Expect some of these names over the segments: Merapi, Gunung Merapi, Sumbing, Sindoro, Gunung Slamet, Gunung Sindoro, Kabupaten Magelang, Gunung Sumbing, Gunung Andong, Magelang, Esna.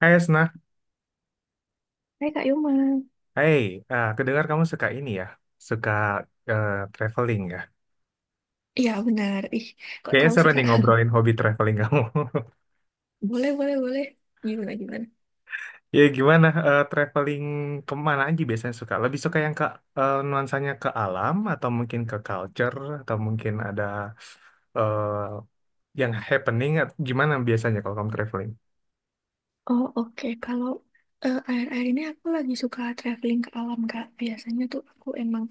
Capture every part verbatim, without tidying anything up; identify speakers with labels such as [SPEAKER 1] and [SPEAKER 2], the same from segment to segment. [SPEAKER 1] Hai Esna,
[SPEAKER 2] Hai Kak Yuma.
[SPEAKER 1] hai, ah, aku kamu suka ini ya? Suka eh, traveling ya.
[SPEAKER 2] Iya, benar. Ih, kok
[SPEAKER 1] Kayaknya
[SPEAKER 2] tahu
[SPEAKER 1] seru
[SPEAKER 2] sih,
[SPEAKER 1] nih
[SPEAKER 2] Kak?
[SPEAKER 1] ngobrolin hobi traveling kamu.
[SPEAKER 2] Boleh, boleh, boleh. Gimana, gimana?
[SPEAKER 1] Ya gimana, eh, traveling kemana aja biasanya suka? Lebih suka yang ke eh, nuansanya ke alam, atau mungkin ke culture, atau mungkin ada eh, yang happening, at- gimana biasanya kalau kamu traveling?
[SPEAKER 2] Oh, oke. Kalau eh, akhir-akhir ini aku lagi suka traveling ke alam, Kak. Biasanya tuh aku emang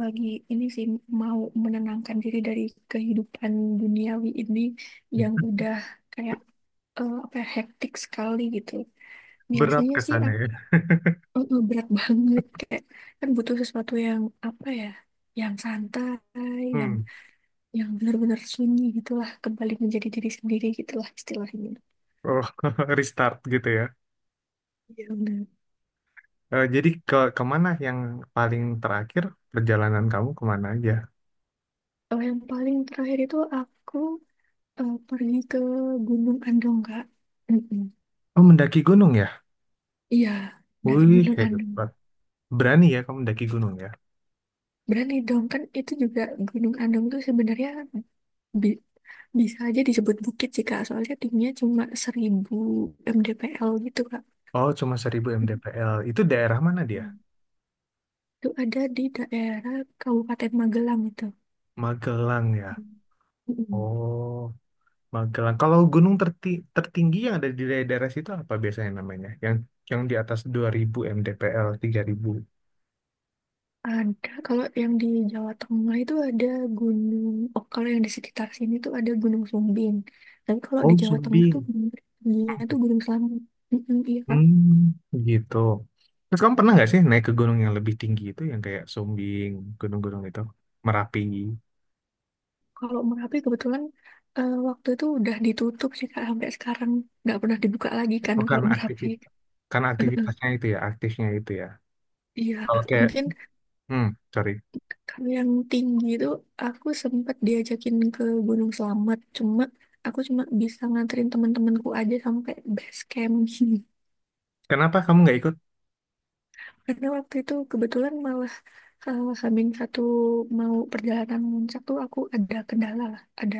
[SPEAKER 2] lagi ini sih mau menenangkan diri dari kehidupan duniawi ini yang udah kayak eh, apa ya, hektik sekali gitu.
[SPEAKER 1] Berat
[SPEAKER 2] Biasanya
[SPEAKER 1] ke
[SPEAKER 2] sih
[SPEAKER 1] sana
[SPEAKER 2] aku
[SPEAKER 1] ya.
[SPEAKER 2] eh, eh, berat banget, kayak kan butuh sesuatu yang apa ya, yang santai, yang
[SPEAKER 1] Hmm.
[SPEAKER 2] yang benar-benar sunyi gitulah, kembali menjadi diri sendiri gitulah istilahnya.
[SPEAKER 1] Oh, restart gitu ya.
[SPEAKER 2] Iya. Yang
[SPEAKER 1] Eh, jadi ke kemana yang paling terakhir perjalanan kamu kemana aja?
[SPEAKER 2] oh, yang paling terakhir itu aku eh, pergi ke Gunung Andong, Kak. Mm-mm.
[SPEAKER 1] Oh, mendaki gunung ya?
[SPEAKER 2] Iya, dari
[SPEAKER 1] Wih,
[SPEAKER 2] Gunung Andong
[SPEAKER 1] hebat. Berani ya kamu mendaki gunung ya?
[SPEAKER 2] berani dong, kan itu juga Gunung Andong tuh sebenarnya bi- bisa aja disebut bukit sih, Kak, soalnya tingginya cuma seribu mdpl gitu, Kak.
[SPEAKER 1] Oh, cuma seribu mdpl. Itu daerah mana dia?
[SPEAKER 2] Mm-mm. Itu ada di daerah Kabupaten Magelang itu.
[SPEAKER 1] Magelang ya?
[SPEAKER 2] Mm-mm.
[SPEAKER 1] Oh, Magelang. Kalau gunung terti tertinggi yang ada di daerah situ apa biasanya namanya? Yang yang di atas dua ribu mdpl, tiga ribu.
[SPEAKER 2] Ada, kalau yang di Jawa Tengah itu ada gunung, oh, kalau yang di sekitar sini tuh ada Gunung Sumbing. Tapi kalau di
[SPEAKER 1] Oh,
[SPEAKER 2] Jawa Tengah tuh
[SPEAKER 1] Sumbing.
[SPEAKER 2] gunung tingginya tuh Gunung Slamet. Mm-mm, iya, Kak.
[SPEAKER 1] Hmm, gitu. Terus kamu pernah nggak sih naik ke gunung yang lebih tinggi itu yang kayak Sumbing, gunung-gunung itu, Merapi?
[SPEAKER 2] Kalau Merapi kebetulan eh, waktu itu udah ditutup sih, Kak, sampai sekarang nggak pernah dibuka lagi kan
[SPEAKER 1] Oh,
[SPEAKER 2] kalau
[SPEAKER 1] karena
[SPEAKER 2] Merapi.
[SPEAKER 1] aktivitas. Karena aktivitasnya itu ya, aktifnya itu ya.
[SPEAKER 2] Iya,
[SPEAKER 1] Kalau kayak,
[SPEAKER 2] mungkin
[SPEAKER 1] Hmm, sorry.
[SPEAKER 2] kalau yang tinggi itu aku sempat diajakin ke Gunung Slamet, cuma aku cuma bisa nganterin teman-temanku aja sampai base camp.
[SPEAKER 1] Kenapa kamu nggak ikut?
[SPEAKER 2] Karena waktu itu kebetulan malah eh, Hamin satu mau perjalanan muncak tuh aku ada kendala lah, ada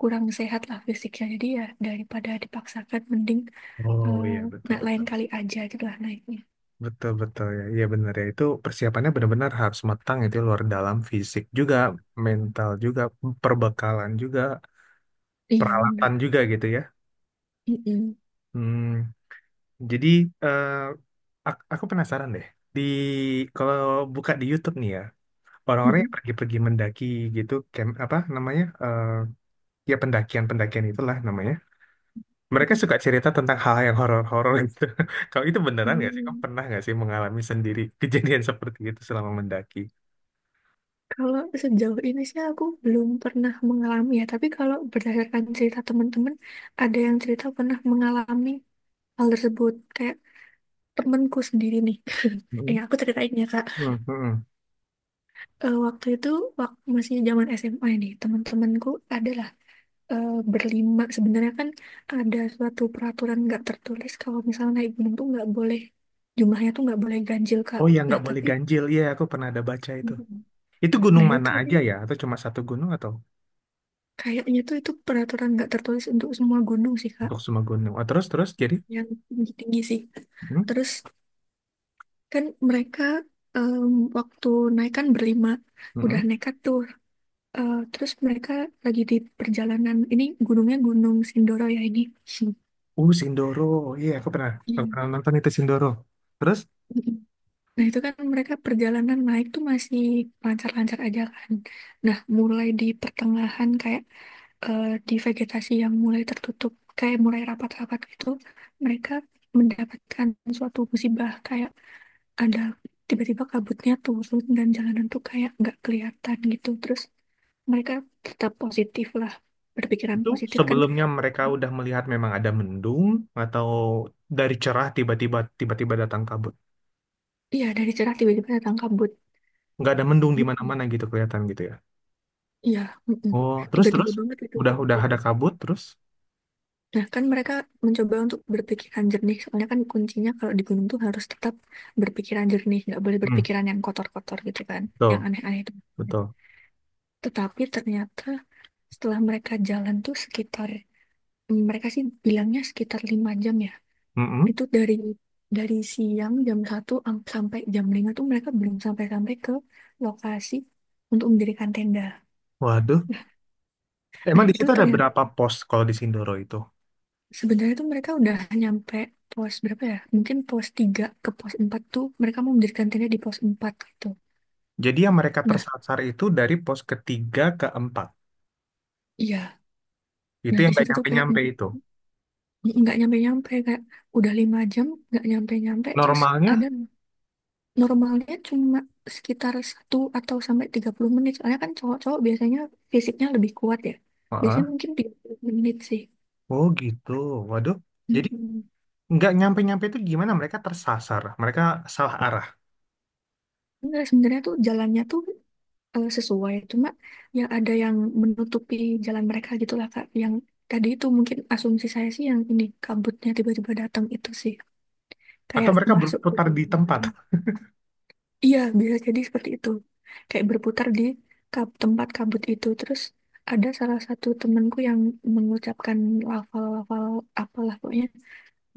[SPEAKER 2] kurang sehat lah fisiknya. Jadi ya daripada dipaksakan mending,
[SPEAKER 1] Oh
[SPEAKER 2] eh,
[SPEAKER 1] iya, betul,
[SPEAKER 2] nah lain
[SPEAKER 1] betul,
[SPEAKER 2] kali aja gitu lah naiknya.
[SPEAKER 1] betul, betul ya, iya benar ya, itu persiapannya benar-benar harus matang, itu luar dalam fisik juga, mental juga, perbekalan juga,
[SPEAKER 2] Iya, benar.
[SPEAKER 1] peralatan juga gitu ya.
[SPEAKER 2] Mm-mm.
[SPEAKER 1] Hmm, jadi eh, ak- aku penasaran deh, di kalau buka di YouTube nih ya, orang-orang yang
[SPEAKER 2] Mm-mm.
[SPEAKER 1] pergi-pergi mendaki gitu, camp apa namanya, eh, ya pendakian pendakian itulah namanya. Mereka suka cerita tentang hal-hal yang horor-horor gitu. Kalau itu beneran nggak sih? Kamu
[SPEAKER 2] Mm.
[SPEAKER 1] pernah nggak sih mengalami sendiri kejadian seperti itu selama mendaki?
[SPEAKER 2] Kalau sejauh ini sih aku belum pernah mengalami ya, tapi kalau berdasarkan cerita teman-teman, ada yang cerita pernah mengalami hal tersebut. Kayak temanku sendiri nih.
[SPEAKER 1] Hmm.
[SPEAKER 2] Eh, aku ceritain ya, Kak.
[SPEAKER 1] Hmm, hmm.
[SPEAKER 2] Eh, waktu itu wak masih zaman S M A nih teman-temanku adalah eh, berlima. Sebenarnya kan ada suatu peraturan nggak tertulis kalau misalnya naik gunung tuh nggak boleh, jumlahnya tuh nggak boleh ganjil, Kak,
[SPEAKER 1] Oh ya,
[SPEAKER 2] nah
[SPEAKER 1] nggak boleh
[SPEAKER 2] tapi.
[SPEAKER 1] ganjil. Iya, aku pernah ada baca itu.
[SPEAKER 2] Mhm.
[SPEAKER 1] Itu
[SPEAKER 2] Nah,
[SPEAKER 1] gunung
[SPEAKER 2] itu
[SPEAKER 1] mana
[SPEAKER 2] tapi
[SPEAKER 1] aja ya? Atau cuma satu gunung atau
[SPEAKER 2] kayaknya tuh itu peraturan nggak tertulis untuk semua gunung sih, Kak.
[SPEAKER 1] untuk semua gunung? Oh, terus terus jadi,
[SPEAKER 2] Yang tinggi-tinggi sih.
[SPEAKER 1] hmm,
[SPEAKER 2] Terus kan mereka em, waktu naik kan berlima,
[SPEAKER 1] hmm.
[SPEAKER 2] udah
[SPEAKER 1] Hmm.
[SPEAKER 2] nekat tuh. Eh, terus mereka lagi di perjalanan, ini gunungnya Gunung Sindoro ya ini.
[SPEAKER 1] Uh, Sindoro. Iya, aku pernah, aku
[SPEAKER 2] Iya.
[SPEAKER 1] pernah nonton itu Sindoro. Terus
[SPEAKER 2] Nah, itu kan mereka perjalanan naik tuh masih lancar-lancar aja kan. Nah, mulai di pertengahan kayak eh, di vegetasi yang mulai tertutup, kayak mulai rapat-rapat gitu, mereka mendapatkan suatu musibah kayak ada tiba-tiba kabutnya turun dan jalanan tuh kayak nggak kelihatan gitu. Terus mereka tetap positif lah, berpikiran
[SPEAKER 1] itu
[SPEAKER 2] positif kan.
[SPEAKER 1] sebelumnya mereka udah melihat memang ada mendung atau dari cerah tiba-tiba tiba-tiba datang kabut.
[SPEAKER 2] Iya, dari cerah tiba-tiba datang kabut.
[SPEAKER 1] Nggak ada mendung di
[SPEAKER 2] Mm-mm.
[SPEAKER 1] mana-mana gitu kelihatan gitu ya.
[SPEAKER 2] Iya, mm-mm.
[SPEAKER 1] Oh, terus terus
[SPEAKER 2] Tiba-tiba banget
[SPEAKER 1] udah
[SPEAKER 2] itu.
[SPEAKER 1] udah ada kabut terus.
[SPEAKER 2] Nah, kan mereka mencoba untuk berpikiran jernih. Soalnya kan kuncinya kalau di gunung tuh harus tetap berpikiran jernih. Nggak boleh
[SPEAKER 1] Hmm,
[SPEAKER 2] berpikiran yang kotor-kotor gitu kan. Yang
[SPEAKER 1] betul,
[SPEAKER 2] aneh-aneh itu.
[SPEAKER 1] betul.
[SPEAKER 2] Tetapi ternyata setelah mereka jalan tuh sekitar, mereka sih bilangnya sekitar lima jam ya.
[SPEAKER 1] Mm-mm.
[SPEAKER 2] Itu dari dari siang jam satu am- sampai jam lima tuh mereka belum sampai-sampai ke lokasi untuk mendirikan tenda.
[SPEAKER 1] Waduh, emang
[SPEAKER 2] Nah,
[SPEAKER 1] di
[SPEAKER 2] itu
[SPEAKER 1] situ ada
[SPEAKER 2] ternyata.
[SPEAKER 1] berapa pos kalau di Sindoro itu?
[SPEAKER 2] Sebenarnya tuh mereka udah nyampe pos berapa ya? Mungkin pos tiga ke pos empat tuh mereka mau mendirikan tenda di pos empat gitu.
[SPEAKER 1] Jadi yang mereka
[SPEAKER 2] Nah,
[SPEAKER 1] tersasar itu dari pos ketiga ke empat.
[SPEAKER 2] iya.
[SPEAKER 1] Itu
[SPEAKER 2] Nah,
[SPEAKER 1] yang
[SPEAKER 2] di
[SPEAKER 1] nggak
[SPEAKER 2] situ tuh kayak
[SPEAKER 1] nyampe-nyampe
[SPEAKER 2] n-
[SPEAKER 1] itu.
[SPEAKER 2] nggak nyampe-nyampe. Kayak udah lima jam nggak nyampe-nyampe. Terus
[SPEAKER 1] Normalnya,
[SPEAKER 2] ada, normalnya cuma sekitar satu atau sampai tiga puluh menit. Soalnya kan cowok-cowok biasanya fisiknya lebih kuat ya.
[SPEAKER 1] heeh.
[SPEAKER 2] Biasanya mungkin tiga puluh menit sih.
[SPEAKER 1] Oh gitu. Waduh. Jadi
[SPEAKER 2] Mm-mm.
[SPEAKER 1] nggak nyampe-nyampe itu gimana? Mereka tersasar. Mereka salah arah.
[SPEAKER 2] Enggak, sebenarnya tuh jalannya tuh eh, sesuai. Cuma ya ada yang menutupi jalan mereka gitulah, Kak. Yang tadi itu mungkin asumsi saya sih, yang ini kabutnya tiba-tiba datang itu sih
[SPEAKER 1] Atau
[SPEAKER 2] kayak
[SPEAKER 1] mereka
[SPEAKER 2] masuk ke
[SPEAKER 1] berputar di
[SPEAKER 2] dunia
[SPEAKER 1] tempat.
[SPEAKER 2] lain. Iya, bisa jadi seperti itu. Kayak berputar di kab- tempat kabut itu. Terus ada salah satu temanku yang mengucapkan lafal-lafal apalah pokoknya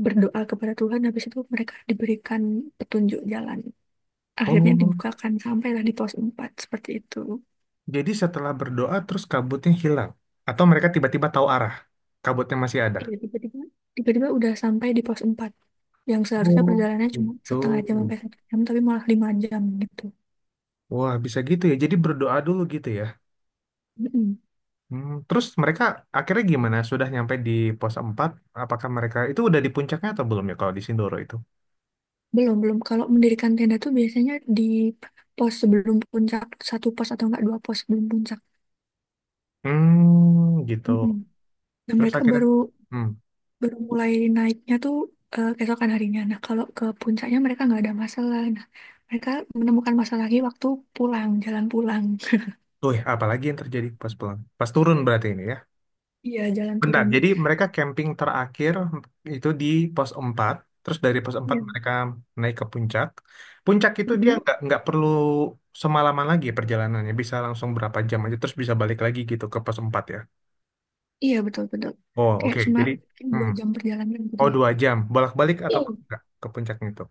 [SPEAKER 2] berdoa kepada Tuhan. Habis itu mereka diberikan petunjuk jalan. Akhirnya
[SPEAKER 1] Oh,
[SPEAKER 2] dibukakan, sampailah di pos empat seperti itu.
[SPEAKER 1] jadi setelah berdoa terus kabutnya hilang. Atau mereka tiba-tiba tahu arah. Kabutnya masih ada.
[SPEAKER 2] Iya, tiba-tiba tiba-tiba udah sampai di pos empat yang seharusnya
[SPEAKER 1] Oh,
[SPEAKER 2] perjalanannya cuma
[SPEAKER 1] gitu.
[SPEAKER 2] setengah jam sampai satu jam, tapi malah lima jam gitu.
[SPEAKER 1] Wah, bisa gitu ya. Jadi berdoa dulu gitu ya.
[SPEAKER 2] Mm-mm.
[SPEAKER 1] Hmm, terus mereka akhirnya gimana? Sudah nyampe di pos empat? Apakah mereka itu udah di puncaknya atau belum ya kalau di Sindoro itu?
[SPEAKER 2] Belum, belum, kalau mendirikan tenda tuh biasanya di pos sebelum puncak, satu pos atau enggak dua pos sebelum puncak.
[SPEAKER 1] Hmm, gitu.
[SPEAKER 2] Mm-mm. Nah,
[SPEAKER 1] Terus
[SPEAKER 2] mereka
[SPEAKER 1] akhirnya,
[SPEAKER 2] baru
[SPEAKER 1] hmm,
[SPEAKER 2] baru mulai naiknya tuh eh, keesokan harinya. Nah, kalau ke puncaknya mereka nggak ada masalah. Nah, mereka menemukan masalah lagi waktu pulang, jalan pulang.
[SPEAKER 1] tuh ya, apalagi yang terjadi pas pulang? Pas turun berarti ini ya?
[SPEAKER 2] Iya, jalan
[SPEAKER 1] Bentar,
[SPEAKER 2] turun.
[SPEAKER 1] jadi mereka camping terakhir itu di pos empat, terus dari pos empat
[SPEAKER 2] Iya.
[SPEAKER 1] mereka naik ke puncak. Puncak itu dia
[SPEAKER 2] Mm-mm.
[SPEAKER 1] nggak nggak perlu semalaman lagi perjalanannya, bisa langsung berapa jam aja, terus bisa balik lagi gitu ke pos empat ya.
[SPEAKER 2] Iya, betul-betul.
[SPEAKER 1] Oh
[SPEAKER 2] Kayak
[SPEAKER 1] oke,
[SPEAKER 2] cuma
[SPEAKER 1] jadi,
[SPEAKER 2] dua
[SPEAKER 1] hmm.
[SPEAKER 2] jam perjalanan gitu
[SPEAKER 1] Oh,
[SPEAKER 2] lah.
[SPEAKER 1] dua jam bolak-balik atau
[SPEAKER 2] Hmm.
[SPEAKER 1] enggak ke puncaknya itu?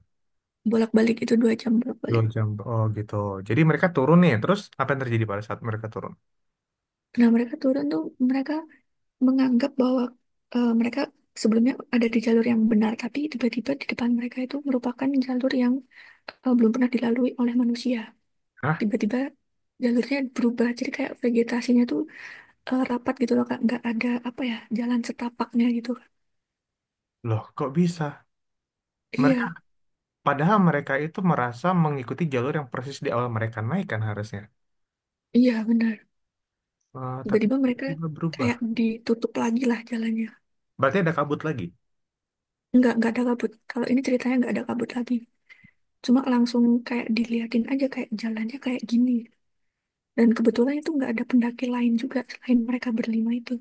[SPEAKER 2] Bolak-balik itu dua jam
[SPEAKER 1] Dua
[SPEAKER 2] bolak-balik.
[SPEAKER 1] jam, oh gitu. Jadi mereka turun nih, terus apa yang terjadi pada saat mereka turun?
[SPEAKER 2] Nah, mereka turun tuh mereka menganggap bahwa eh, mereka sebelumnya ada di jalur yang benar, tapi tiba-tiba di depan mereka itu merupakan jalur yang eh, belum pernah dilalui oleh manusia.
[SPEAKER 1] Hah,
[SPEAKER 2] Tiba-tiba jalurnya berubah, jadi kayak vegetasinya tuh eh, rapat gitu loh, Kak. Nggak ada apa ya jalan setapaknya gitu.
[SPEAKER 1] loh kok bisa? Mereka
[SPEAKER 2] Iya,
[SPEAKER 1] Padahal mereka itu merasa mengikuti jalur yang persis di awal mereka naik kan harusnya.
[SPEAKER 2] iya benar.
[SPEAKER 1] Eh, tapi
[SPEAKER 2] Tiba-tiba mereka
[SPEAKER 1] tiba-tiba berubah.
[SPEAKER 2] kayak ditutup lagi lah jalannya.
[SPEAKER 1] Berarti ada kabut lagi.
[SPEAKER 2] Nggak, nggak ada kabut. Kalau ini ceritanya nggak ada kabut lagi. Cuma langsung kayak diliatin aja kayak jalannya kayak gini. Dan kebetulan itu nggak ada pendaki lain juga selain mereka berlima itu.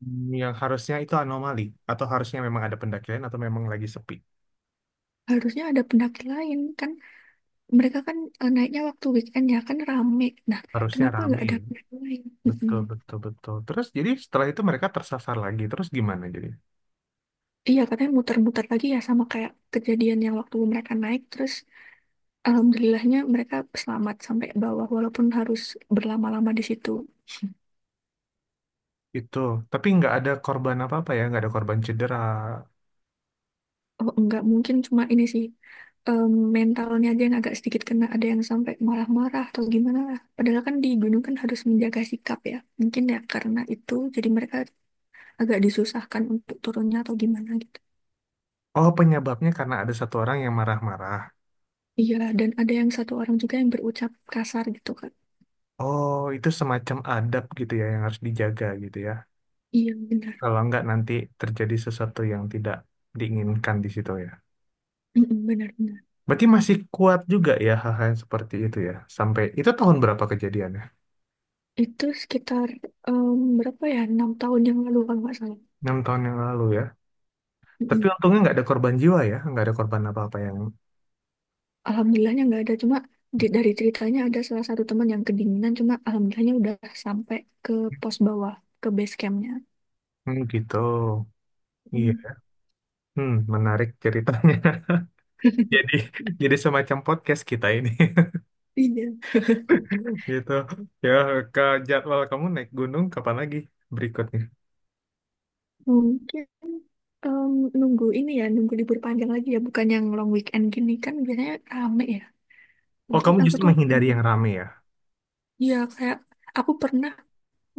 [SPEAKER 1] Hmm, Yang harusnya itu anomali. Atau harusnya memang ada pendakian atau memang lagi sepi.
[SPEAKER 2] Harusnya ada pendaki lain kan. Mereka kan eh, naiknya waktu weekend ya kan rame. Nah,
[SPEAKER 1] Harusnya
[SPEAKER 2] kenapa nggak
[SPEAKER 1] rame
[SPEAKER 2] ada
[SPEAKER 1] ya.
[SPEAKER 2] pendaki lain? Mm-mm.
[SPEAKER 1] Betul, betul, betul. Terus jadi setelah itu mereka tersasar lagi. Terus gimana jadi?
[SPEAKER 2] Iya, katanya muter-muter lagi ya sama kayak kejadian yang waktu mereka naik. Terus alhamdulillahnya mereka selamat sampai bawah walaupun harus berlama-lama di situ.
[SPEAKER 1] Itu. Tapi nggak ada korban apa-apa ya. Nggak ada korban cedera.
[SPEAKER 2] Oh, nggak mungkin cuma ini sih, em, mentalnya aja yang agak sedikit kena, ada yang sampai marah-marah atau gimana lah. Padahal kan di gunung kan harus menjaga sikap ya. Mungkin ya karena itu jadi mereka agak disusahkan untuk turunnya atau gimana gitu.
[SPEAKER 1] Oh, penyebabnya karena ada satu orang yang marah-marah.
[SPEAKER 2] Iya, dan ada yang satu orang juga yang berucap kasar gitu kan.
[SPEAKER 1] Oh, itu semacam adab gitu ya yang harus dijaga gitu ya.
[SPEAKER 2] Iya, benar.
[SPEAKER 1] Kalau nggak nanti terjadi sesuatu yang tidak diinginkan di situ ya.
[SPEAKER 2] Mm-mm, benar, benar.
[SPEAKER 1] Berarti masih kuat juga ya hal-hal yang seperti itu ya. Sampai itu tahun berapa kejadiannya?
[SPEAKER 2] Itu sekitar, em, berapa ya? Enam tahun yang lalu kalau nggak salah.
[SPEAKER 1] Enam tahun yang lalu ya. Tapi
[SPEAKER 2] Mm-mm.
[SPEAKER 1] untungnya nggak ada korban jiwa ya, nggak ada korban apa-apa yang.
[SPEAKER 2] Alhamdulillahnya nggak ada. Cuma di- dari ceritanya ada salah satu teman yang kedinginan. Cuma alhamdulillahnya udah sampai ke pos bawah, ke base campnya.
[SPEAKER 1] Hmm, gitu. Iya. Hmm, menarik ceritanya. Jadi jadi semacam podcast kita ini.
[SPEAKER 2] Iya,
[SPEAKER 1] Gitu. Ya, ke jadwal kamu naik gunung kapan lagi berikutnya?
[SPEAKER 2] mungkin em, nunggu ini ya, nunggu libur panjang lagi ya, bukan yang long weekend gini kan biasanya rame ya.
[SPEAKER 1] Oh,
[SPEAKER 2] Mungkin
[SPEAKER 1] kamu
[SPEAKER 2] aku
[SPEAKER 1] justru
[SPEAKER 2] tuh,
[SPEAKER 1] menghindari yang rame ya.
[SPEAKER 2] ya kayak aku pernah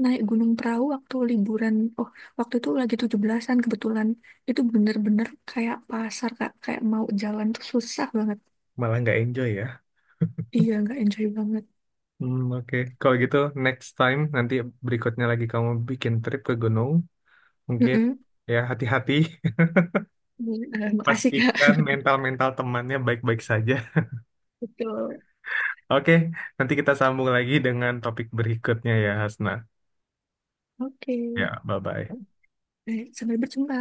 [SPEAKER 2] naik gunung perahu waktu liburan, oh, waktu itu lagi tujuh belasan-an kebetulan. Itu bener-bener kayak pasar, Kak, kayak mau jalan tuh susah banget.
[SPEAKER 1] Malah nggak enjoy ya.
[SPEAKER 2] Iya, nggak enjoy banget.
[SPEAKER 1] Hmm, oke. Kalau gitu next time nanti berikutnya lagi kamu bikin trip ke gunung, mungkin
[SPEAKER 2] Mm-mm.
[SPEAKER 1] ya, hati-hati,
[SPEAKER 2] Eh, Makasih, Kak.
[SPEAKER 1] pastikan mental-mental temannya baik-baik saja.
[SPEAKER 2] Betul.
[SPEAKER 1] Oke, nanti kita sambung lagi dengan topik berikutnya ya, Hasna.
[SPEAKER 2] Oke.
[SPEAKER 1] Ya, bye-bye.
[SPEAKER 2] Eh, sampai berjumpa.